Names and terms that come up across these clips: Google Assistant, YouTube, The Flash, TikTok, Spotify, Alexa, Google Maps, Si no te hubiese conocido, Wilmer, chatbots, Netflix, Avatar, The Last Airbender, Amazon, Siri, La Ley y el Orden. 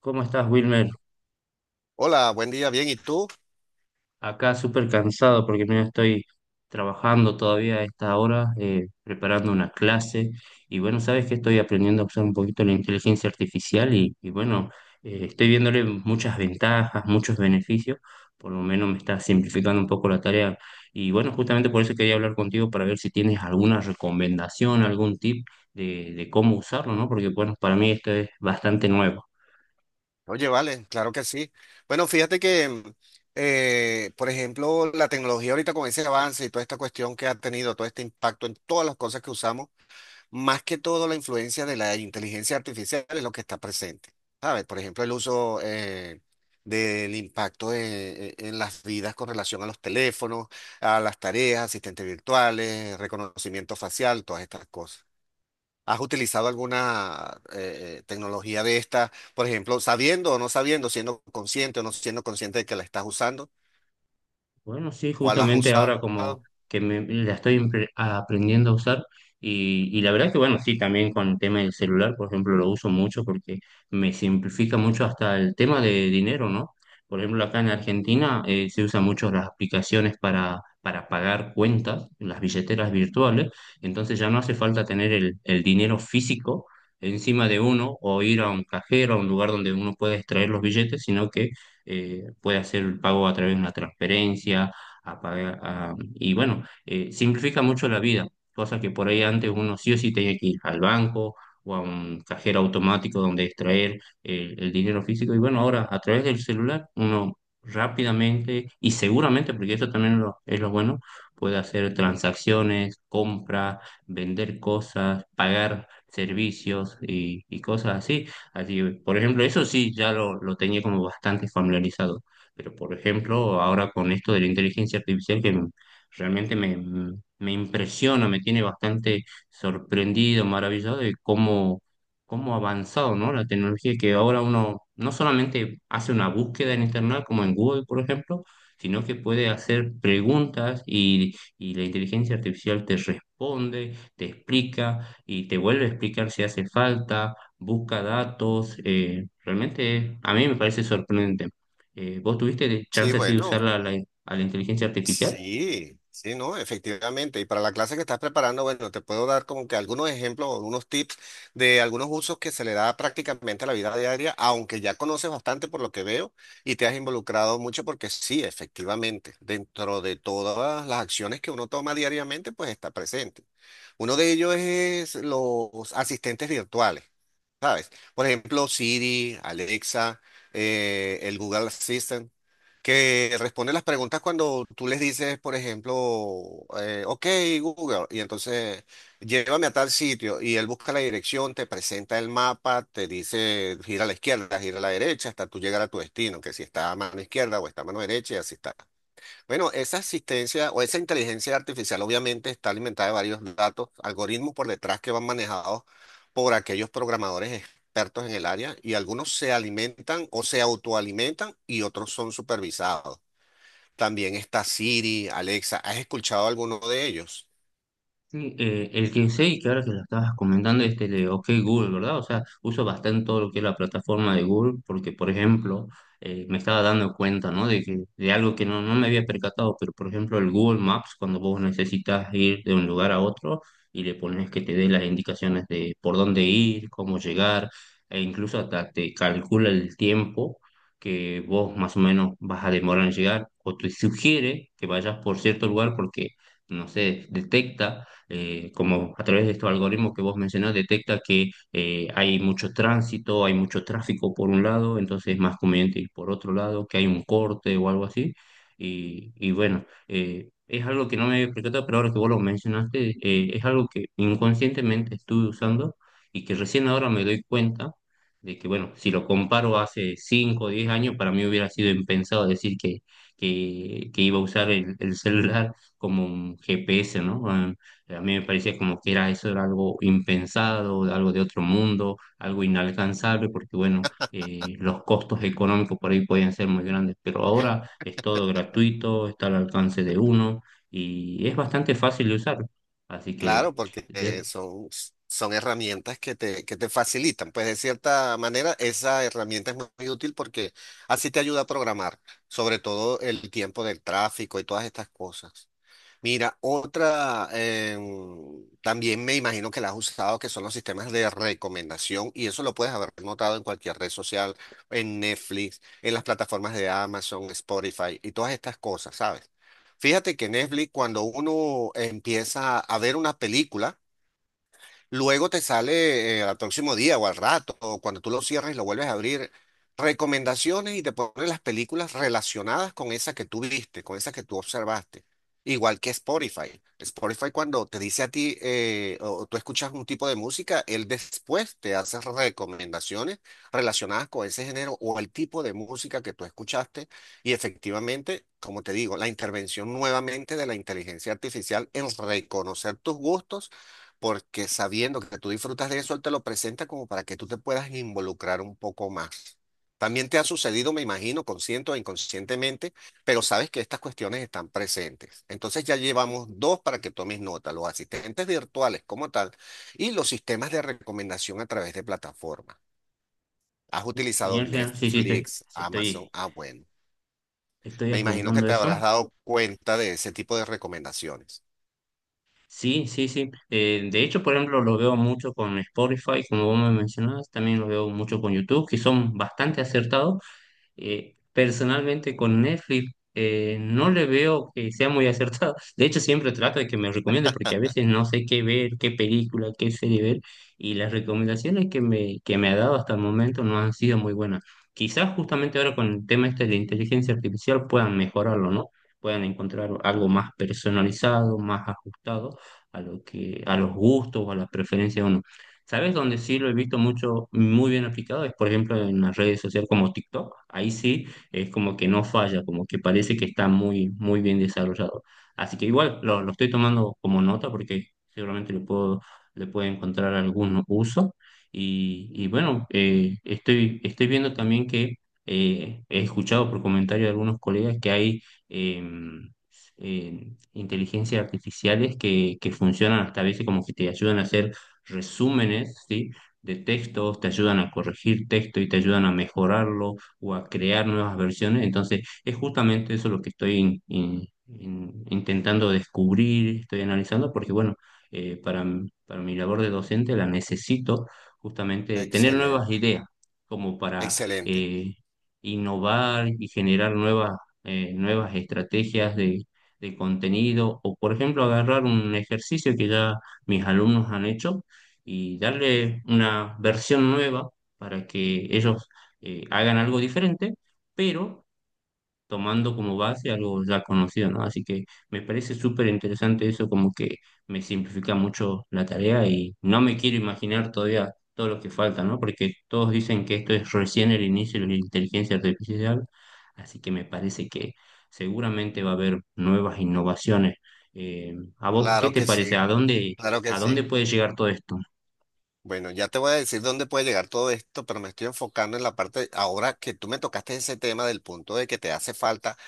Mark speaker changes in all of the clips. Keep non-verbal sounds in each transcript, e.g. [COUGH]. Speaker 1: ¿Cómo estás, Wilmer?
Speaker 2: Hola, buen día, bien, ¿y tú?
Speaker 1: Acá súper cansado porque me estoy trabajando todavía a esta hora, preparando una clase. Y bueno, sabes que estoy aprendiendo a usar un poquito la inteligencia artificial y bueno, estoy viéndole muchas ventajas, muchos beneficios. Por lo menos me está simplificando un poco la tarea. Y bueno, justamente por eso quería hablar contigo para ver si tienes alguna recomendación, algún tip de cómo usarlo, ¿no? Porque bueno, para mí esto es bastante nuevo.
Speaker 2: Oye, vale, claro que sí. Bueno, fíjate que, por ejemplo, la tecnología ahorita con ese avance y toda esta cuestión que ha tenido, todo este impacto en todas las cosas que usamos, más que todo la influencia de la inteligencia artificial es lo que está presente. ¿Sabes? Por ejemplo, el uso del impacto en las vidas con relación a los teléfonos, a las tareas, asistentes virtuales, reconocimiento facial, todas estas cosas. ¿Has utilizado alguna tecnología de esta? Por ejemplo, sabiendo o no sabiendo, siendo consciente o no siendo consciente de que la estás usando,
Speaker 1: Bueno, sí,
Speaker 2: ¿cuál has
Speaker 1: justamente
Speaker 2: usado?
Speaker 1: ahora como que me, la estoy aprendiendo a usar y la verdad que bueno, sí, también con el tema del celular, por ejemplo, lo uso mucho porque me simplifica mucho hasta el tema de dinero, ¿no? Por ejemplo, acá en Argentina se usan mucho las aplicaciones para pagar cuentas, las billeteras virtuales, entonces ya no hace falta tener el dinero físico encima de uno o ir a un cajero, a un lugar donde uno pueda extraer los billetes, sino que puede hacer el pago a través de una transferencia, a pagar, y bueno, simplifica mucho la vida, cosa que por ahí antes uno sí o sí tenía que ir al banco o a un cajero automático donde extraer el dinero físico, y bueno, ahora a través del celular uno rápidamente y seguramente, porque eso también es lo bueno, puede hacer transacciones, compras, vender cosas, pagar servicios y cosas así. Así, por ejemplo, eso sí ya lo tenía como bastante familiarizado, pero por ejemplo, ahora con esto de la inteligencia artificial realmente me impresiona, me tiene bastante sorprendido, maravillado de cómo ha avanzado, ¿no? La tecnología que ahora uno no solamente hace una búsqueda en internet como en Google, por ejemplo, sino que puede hacer preguntas y la inteligencia artificial te responde, te explica y te vuelve a explicar si hace falta busca datos. Realmente a mí me parece sorprendente. ¿Vos tuviste
Speaker 2: Sí,
Speaker 1: chance así de
Speaker 2: bueno.
Speaker 1: usar a la inteligencia artificial?
Speaker 2: Sí, sí, no, efectivamente. Y para la clase que estás preparando, bueno, te puedo dar como que algunos ejemplos o unos tips de algunos usos que se le da prácticamente a la vida diaria, aunque ya conoces bastante por lo que veo y te has involucrado mucho porque sí, efectivamente, dentro de todas las acciones que uno toma diariamente, pues está presente. Uno de ellos es los asistentes virtuales. ¿Sabes? Por ejemplo, Siri, Alexa, el Google Assistant, que responde las preguntas cuando tú les dices, por ejemplo, ok, Google, y entonces llévame a tal sitio, y él busca la dirección, te presenta el mapa, te dice gira a la izquierda, gira a la derecha, hasta tú llegar a tu destino, que si está a mano izquierda o está a mano derecha, y así está. Bueno, esa asistencia o esa inteligencia artificial obviamente está alimentada de varios datos, algoritmos por detrás que van manejados por aquellos programadores expertos en el área, y algunos se alimentan o se autoalimentan y otros son supervisados. También está Siri, Alexa. ¿Has escuchado alguno de ellos?
Speaker 1: Sí, el que sé que ahora que lo estabas comentando este de OK Google, ¿verdad? O sea, uso bastante todo lo que es la plataforma de Google porque, por ejemplo, me estaba dando cuenta, ¿no? De que, de algo que no, no me había percatado, pero, por ejemplo, el Google Maps, cuando vos necesitas ir de un lugar a otro y le pones que te dé las indicaciones de por dónde ir, cómo llegar, e incluso hasta te calcula el tiempo que vos más o menos vas a demorar en llegar o te sugiere que vayas por cierto lugar porque, no sé, detecta como a través de estos algoritmos que vos mencionás, detecta que hay mucho tránsito, hay mucho tráfico por un lado, entonces es más conveniente ir por otro lado, que hay un corte o algo así. Y bueno, es algo que no me había percatado, pero ahora que vos lo mencionaste, es algo que inconscientemente estuve usando y que recién ahora me doy cuenta de que, bueno, si lo comparo hace 5 o 10 años, para mí hubiera sido impensado decir que iba a usar el celular como un GPS, ¿no? Ah, a mí me parecía como que era eso, era algo impensado, algo de otro mundo, algo inalcanzable, porque bueno, los costos económicos por ahí podían ser muy grandes, pero ahora es todo gratuito, está al alcance de uno y es bastante fácil de usar. Así que,
Speaker 2: Claro, porque
Speaker 1: de-
Speaker 2: son herramientas que te facilitan. Pues de cierta manera, esa herramienta es muy útil porque así te ayuda a programar, sobre todo el tiempo del tráfico y todas estas cosas. Mira, otra, también me imagino que la has usado, que son los sistemas de recomendación, y eso lo puedes haber notado en cualquier red social, en Netflix, en las plataformas de Amazon, Spotify y todas estas cosas, ¿sabes? Fíjate que Netflix, cuando uno empieza a ver una película, luego te sale, al próximo día o al rato, o cuando tú lo cierras y lo vuelves a abrir, recomendaciones, y te pone las películas relacionadas con esa que tú viste, con esa que tú observaste. Igual que Spotify. Spotify, cuando te dice a ti, o tú escuchas un tipo de música, él después te hace recomendaciones relacionadas con ese género o el tipo de música que tú escuchaste. Y efectivamente, como te digo, la intervención nuevamente de la inteligencia artificial en reconocer tus gustos, porque sabiendo que tú disfrutas de eso, él te lo presenta como para que tú te puedas involucrar un poco más. También te ha sucedido, me imagino, consciente o inconscientemente, pero sabes que estas cuestiones están presentes. Entonces ya llevamos dos para que tomes nota: los asistentes virtuales como tal y los sistemas de recomendación a través de plataformas. ¿Has utilizado
Speaker 1: genial, genial. Sí, sí, sí,
Speaker 2: Netflix, Amazon?
Speaker 1: estoy,
Speaker 2: Ah, bueno.
Speaker 1: estoy
Speaker 2: Me imagino que
Speaker 1: apuntando
Speaker 2: te
Speaker 1: eso.
Speaker 2: habrás dado cuenta de ese tipo de recomendaciones.
Speaker 1: Sí, sí, sí. De hecho, por ejemplo, lo veo mucho con Spotify, como vos me mencionabas, también lo veo mucho con YouTube, que son bastante acertados. Personalmente con Netflix no le veo que sea muy acertado. [LAUGHS] De hecho, siempre trato de que me recomiende porque a veces no sé qué ver, qué película, qué serie ver y las recomendaciones que me ha dado hasta el momento no han sido muy buenas. Quizás justamente ahora con el tema este de la inteligencia artificial puedan mejorarlo, ¿no? Puedan encontrar algo más personalizado, más ajustado a lo que, a los gustos o a las preferencias de uno. ¿Sabes dónde sí lo he visto mucho, muy bien aplicado? Es, por ejemplo, en las redes sociales como TikTok. Ahí sí es como que no falla, como que parece que está muy, muy bien desarrollado. Así que igual lo estoy tomando como nota porque seguramente le le puedo encontrar algún uso. Y bueno, estoy viendo también que he escuchado por comentarios de algunos colegas que hay... em, inteligencias artificiales que funcionan hasta a veces como que te ayudan a hacer resúmenes, ¿sí? De textos, te ayudan a corregir texto y te ayudan a mejorarlo o a crear nuevas versiones. Entonces, es justamente eso lo que estoy intentando descubrir, estoy analizando, porque bueno, para mi labor de docente la necesito justamente tener nuevas
Speaker 2: Excelente,
Speaker 1: ideas, como para
Speaker 2: excelente.
Speaker 1: eh, innovar y generar nuevas estrategias de contenido, o por ejemplo, agarrar un ejercicio que ya mis alumnos han hecho y darle una versión nueva para que ellos hagan algo diferente, pero tomando como base algo ya conocido, ¿no? Así que me parece súper interesante eso, como que me simplifica mucho la tarea y no me quiero imaginar todavía todo lo que falta, ¿no? Porque todos dicen que esto es recién el inicio de la inteligencia artificial, así que me parece que seguramente va a haber nuevas innovaciones. ¿A vos qué
Speaker 2: Claro
Speaker 1: te
Speaker 2: que
Speaker 1: parece?
Speaker 2: sí, claro que
Speaker 1: ¿A
Speaker 2: sí.
Speaker 1: dónde puede llegar todo esto?
Speaker 2: Bueno, ya te voy a decir dónde puede llegar todo esto, pero me estoy enfocando en la parte, ahora que tú me tocaste ese tema, del punto de que te hace falta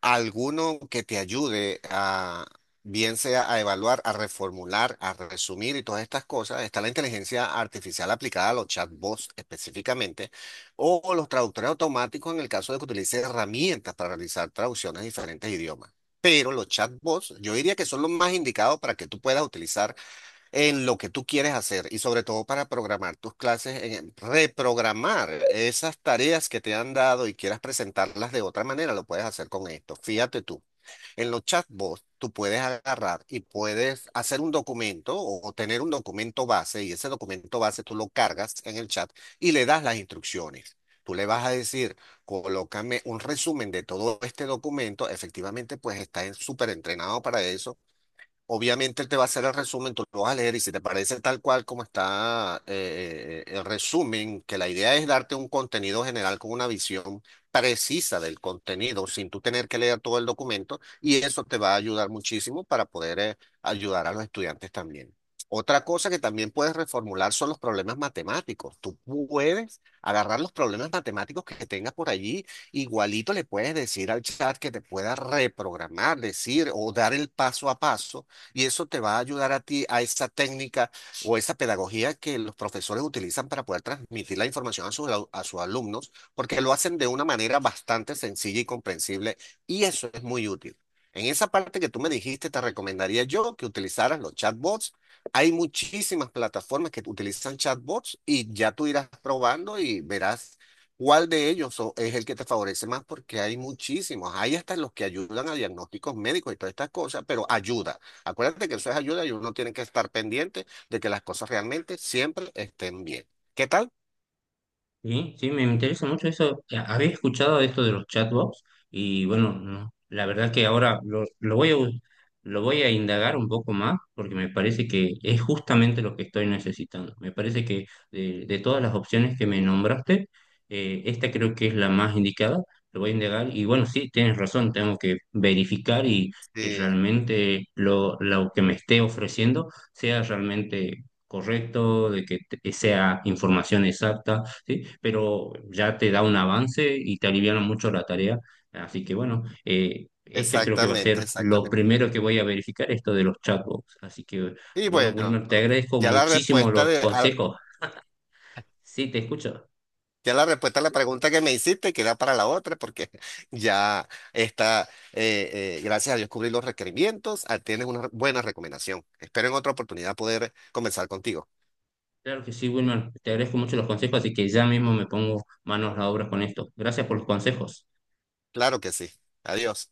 Speaker 2: alguno que te ayude a, bien sea a evaluar, a reformular, a resumir y todas estas cosas. Está la inteligencia artificial aplicada a los chatbots específicamente, o los traductores automáticos en el caso de que utilice herramientas para realizar traducciones de diferentes idiomas. Pero los chatbots, yo diría que son los más indicados para que tú puedas utilizar en lo que tú quieres hacer, y sobre todo para programar tus clases, reprogramar esas tareas que te han dado y quieras presentarlas de otra manera, lo puedes hacer con esto. Fíjate tú, en los chatbots tú puedes agarrar y puedes hacer un documento o tener un documento base, y ese documento base tú lo cargas en el chat y le das las instrucciones. Tú le vas a decir, colócame un resumen de todo este documento. Efectivamente, pues está súper entrenado para eso. Obviamente él te va a hacer el resumen, tú lo vas a leer, y si te parece tal cual como está, el resumen, que la idea es darte un contenido general con una visión precisa del contenido sin tú tener que leer todo el documento, y eso te va a ayudar muchísimo para poder ayudar a los estudiantes también. Otra cosa que también puedes reformular son los problemas matemáticos. Tú puedes agarrar los problemas matemáticos que tengas por allí. Igualito le puedes decir al chat que te pueda reprogramar, decir o dar el paso a paso, y eso te va a ayudar a ti a esa técnica o esa pedagogía que los profesores utilizan para poder transmitir la información a a sus alumnos, porque lo hacen de una manera bastante sencilla y comprensible, y eso es muy útil. En esa parte que tú me dijiste, te recomendaría yo que utilizaras los chatbots. Hay muchísimas plataformas que utilizan chatbots, y ya tú irás probando y verás ¿cuál de ellos es el que te favorece más? Porque hay muchísimos. Hay hasta los que ayudan a diagnósticos médicos y todas estas cosas, pero ayuda. Acuérdate que eso es ayuda, y uno tiene que estar pendiente de que las cosas realmente siempre estén bien. ¿Qué tal?
Speaker 1: Sí, sí, me interesa mucho eso. Ya, había escuchado de esto de los chatbots y bueno, no, la verdad que ahora lo voy a indagar un poco más porque me parece que es justamente lo que estoy necesitando. Me parece que de todas las opciones que me nombraste, esta creo que es la más indicada. Lo voy a indagar y bueno, sí, tienes razón, tengo que verificar y que
Speaker 2: Sí,
Speaker 1: realmente lo que me esté ofreciendo sea realmente correcto, de sea información exacta, ¿sí? Pero ya te da un avance y te aliviana mucho la tarea. Así que bueno, este creo que va a ser
Speaker 2: exactamente,
Speaker 1: lo
Speaker 2: exactamente.
Speaker 1: primero que voy a verificar, esto de los chatbots. Así que
Speaker 2: Y
Speaker 1: bueno,
Speaker 2: bueno,
Speaker 1: Wilmer, te agradezco
Speaker 2: ya la
Speaker 1: muchísimo
Speaker 2: respuesta
Speaker 1: los
Speaker 2: de, a-
Speaker 1: consejos. Sí, te escucho.
Speaker 2: ya la respuesta a la pregunta que me hiciste queda para la otra, porque [LAUGHS] ya está, gracias a Dios cubrí los requerimientos, ah, tienes una buena recomendación. Espero en otra oportunidad poder conversar contigo.
Speaker 1: Claro que sí, Wilmer, te agradezco mucho los consejos, así que ya mismo me pongo manos a la obra con esto. Gracias por los consejos.
Speaker 2: Claro que sí. Adiós.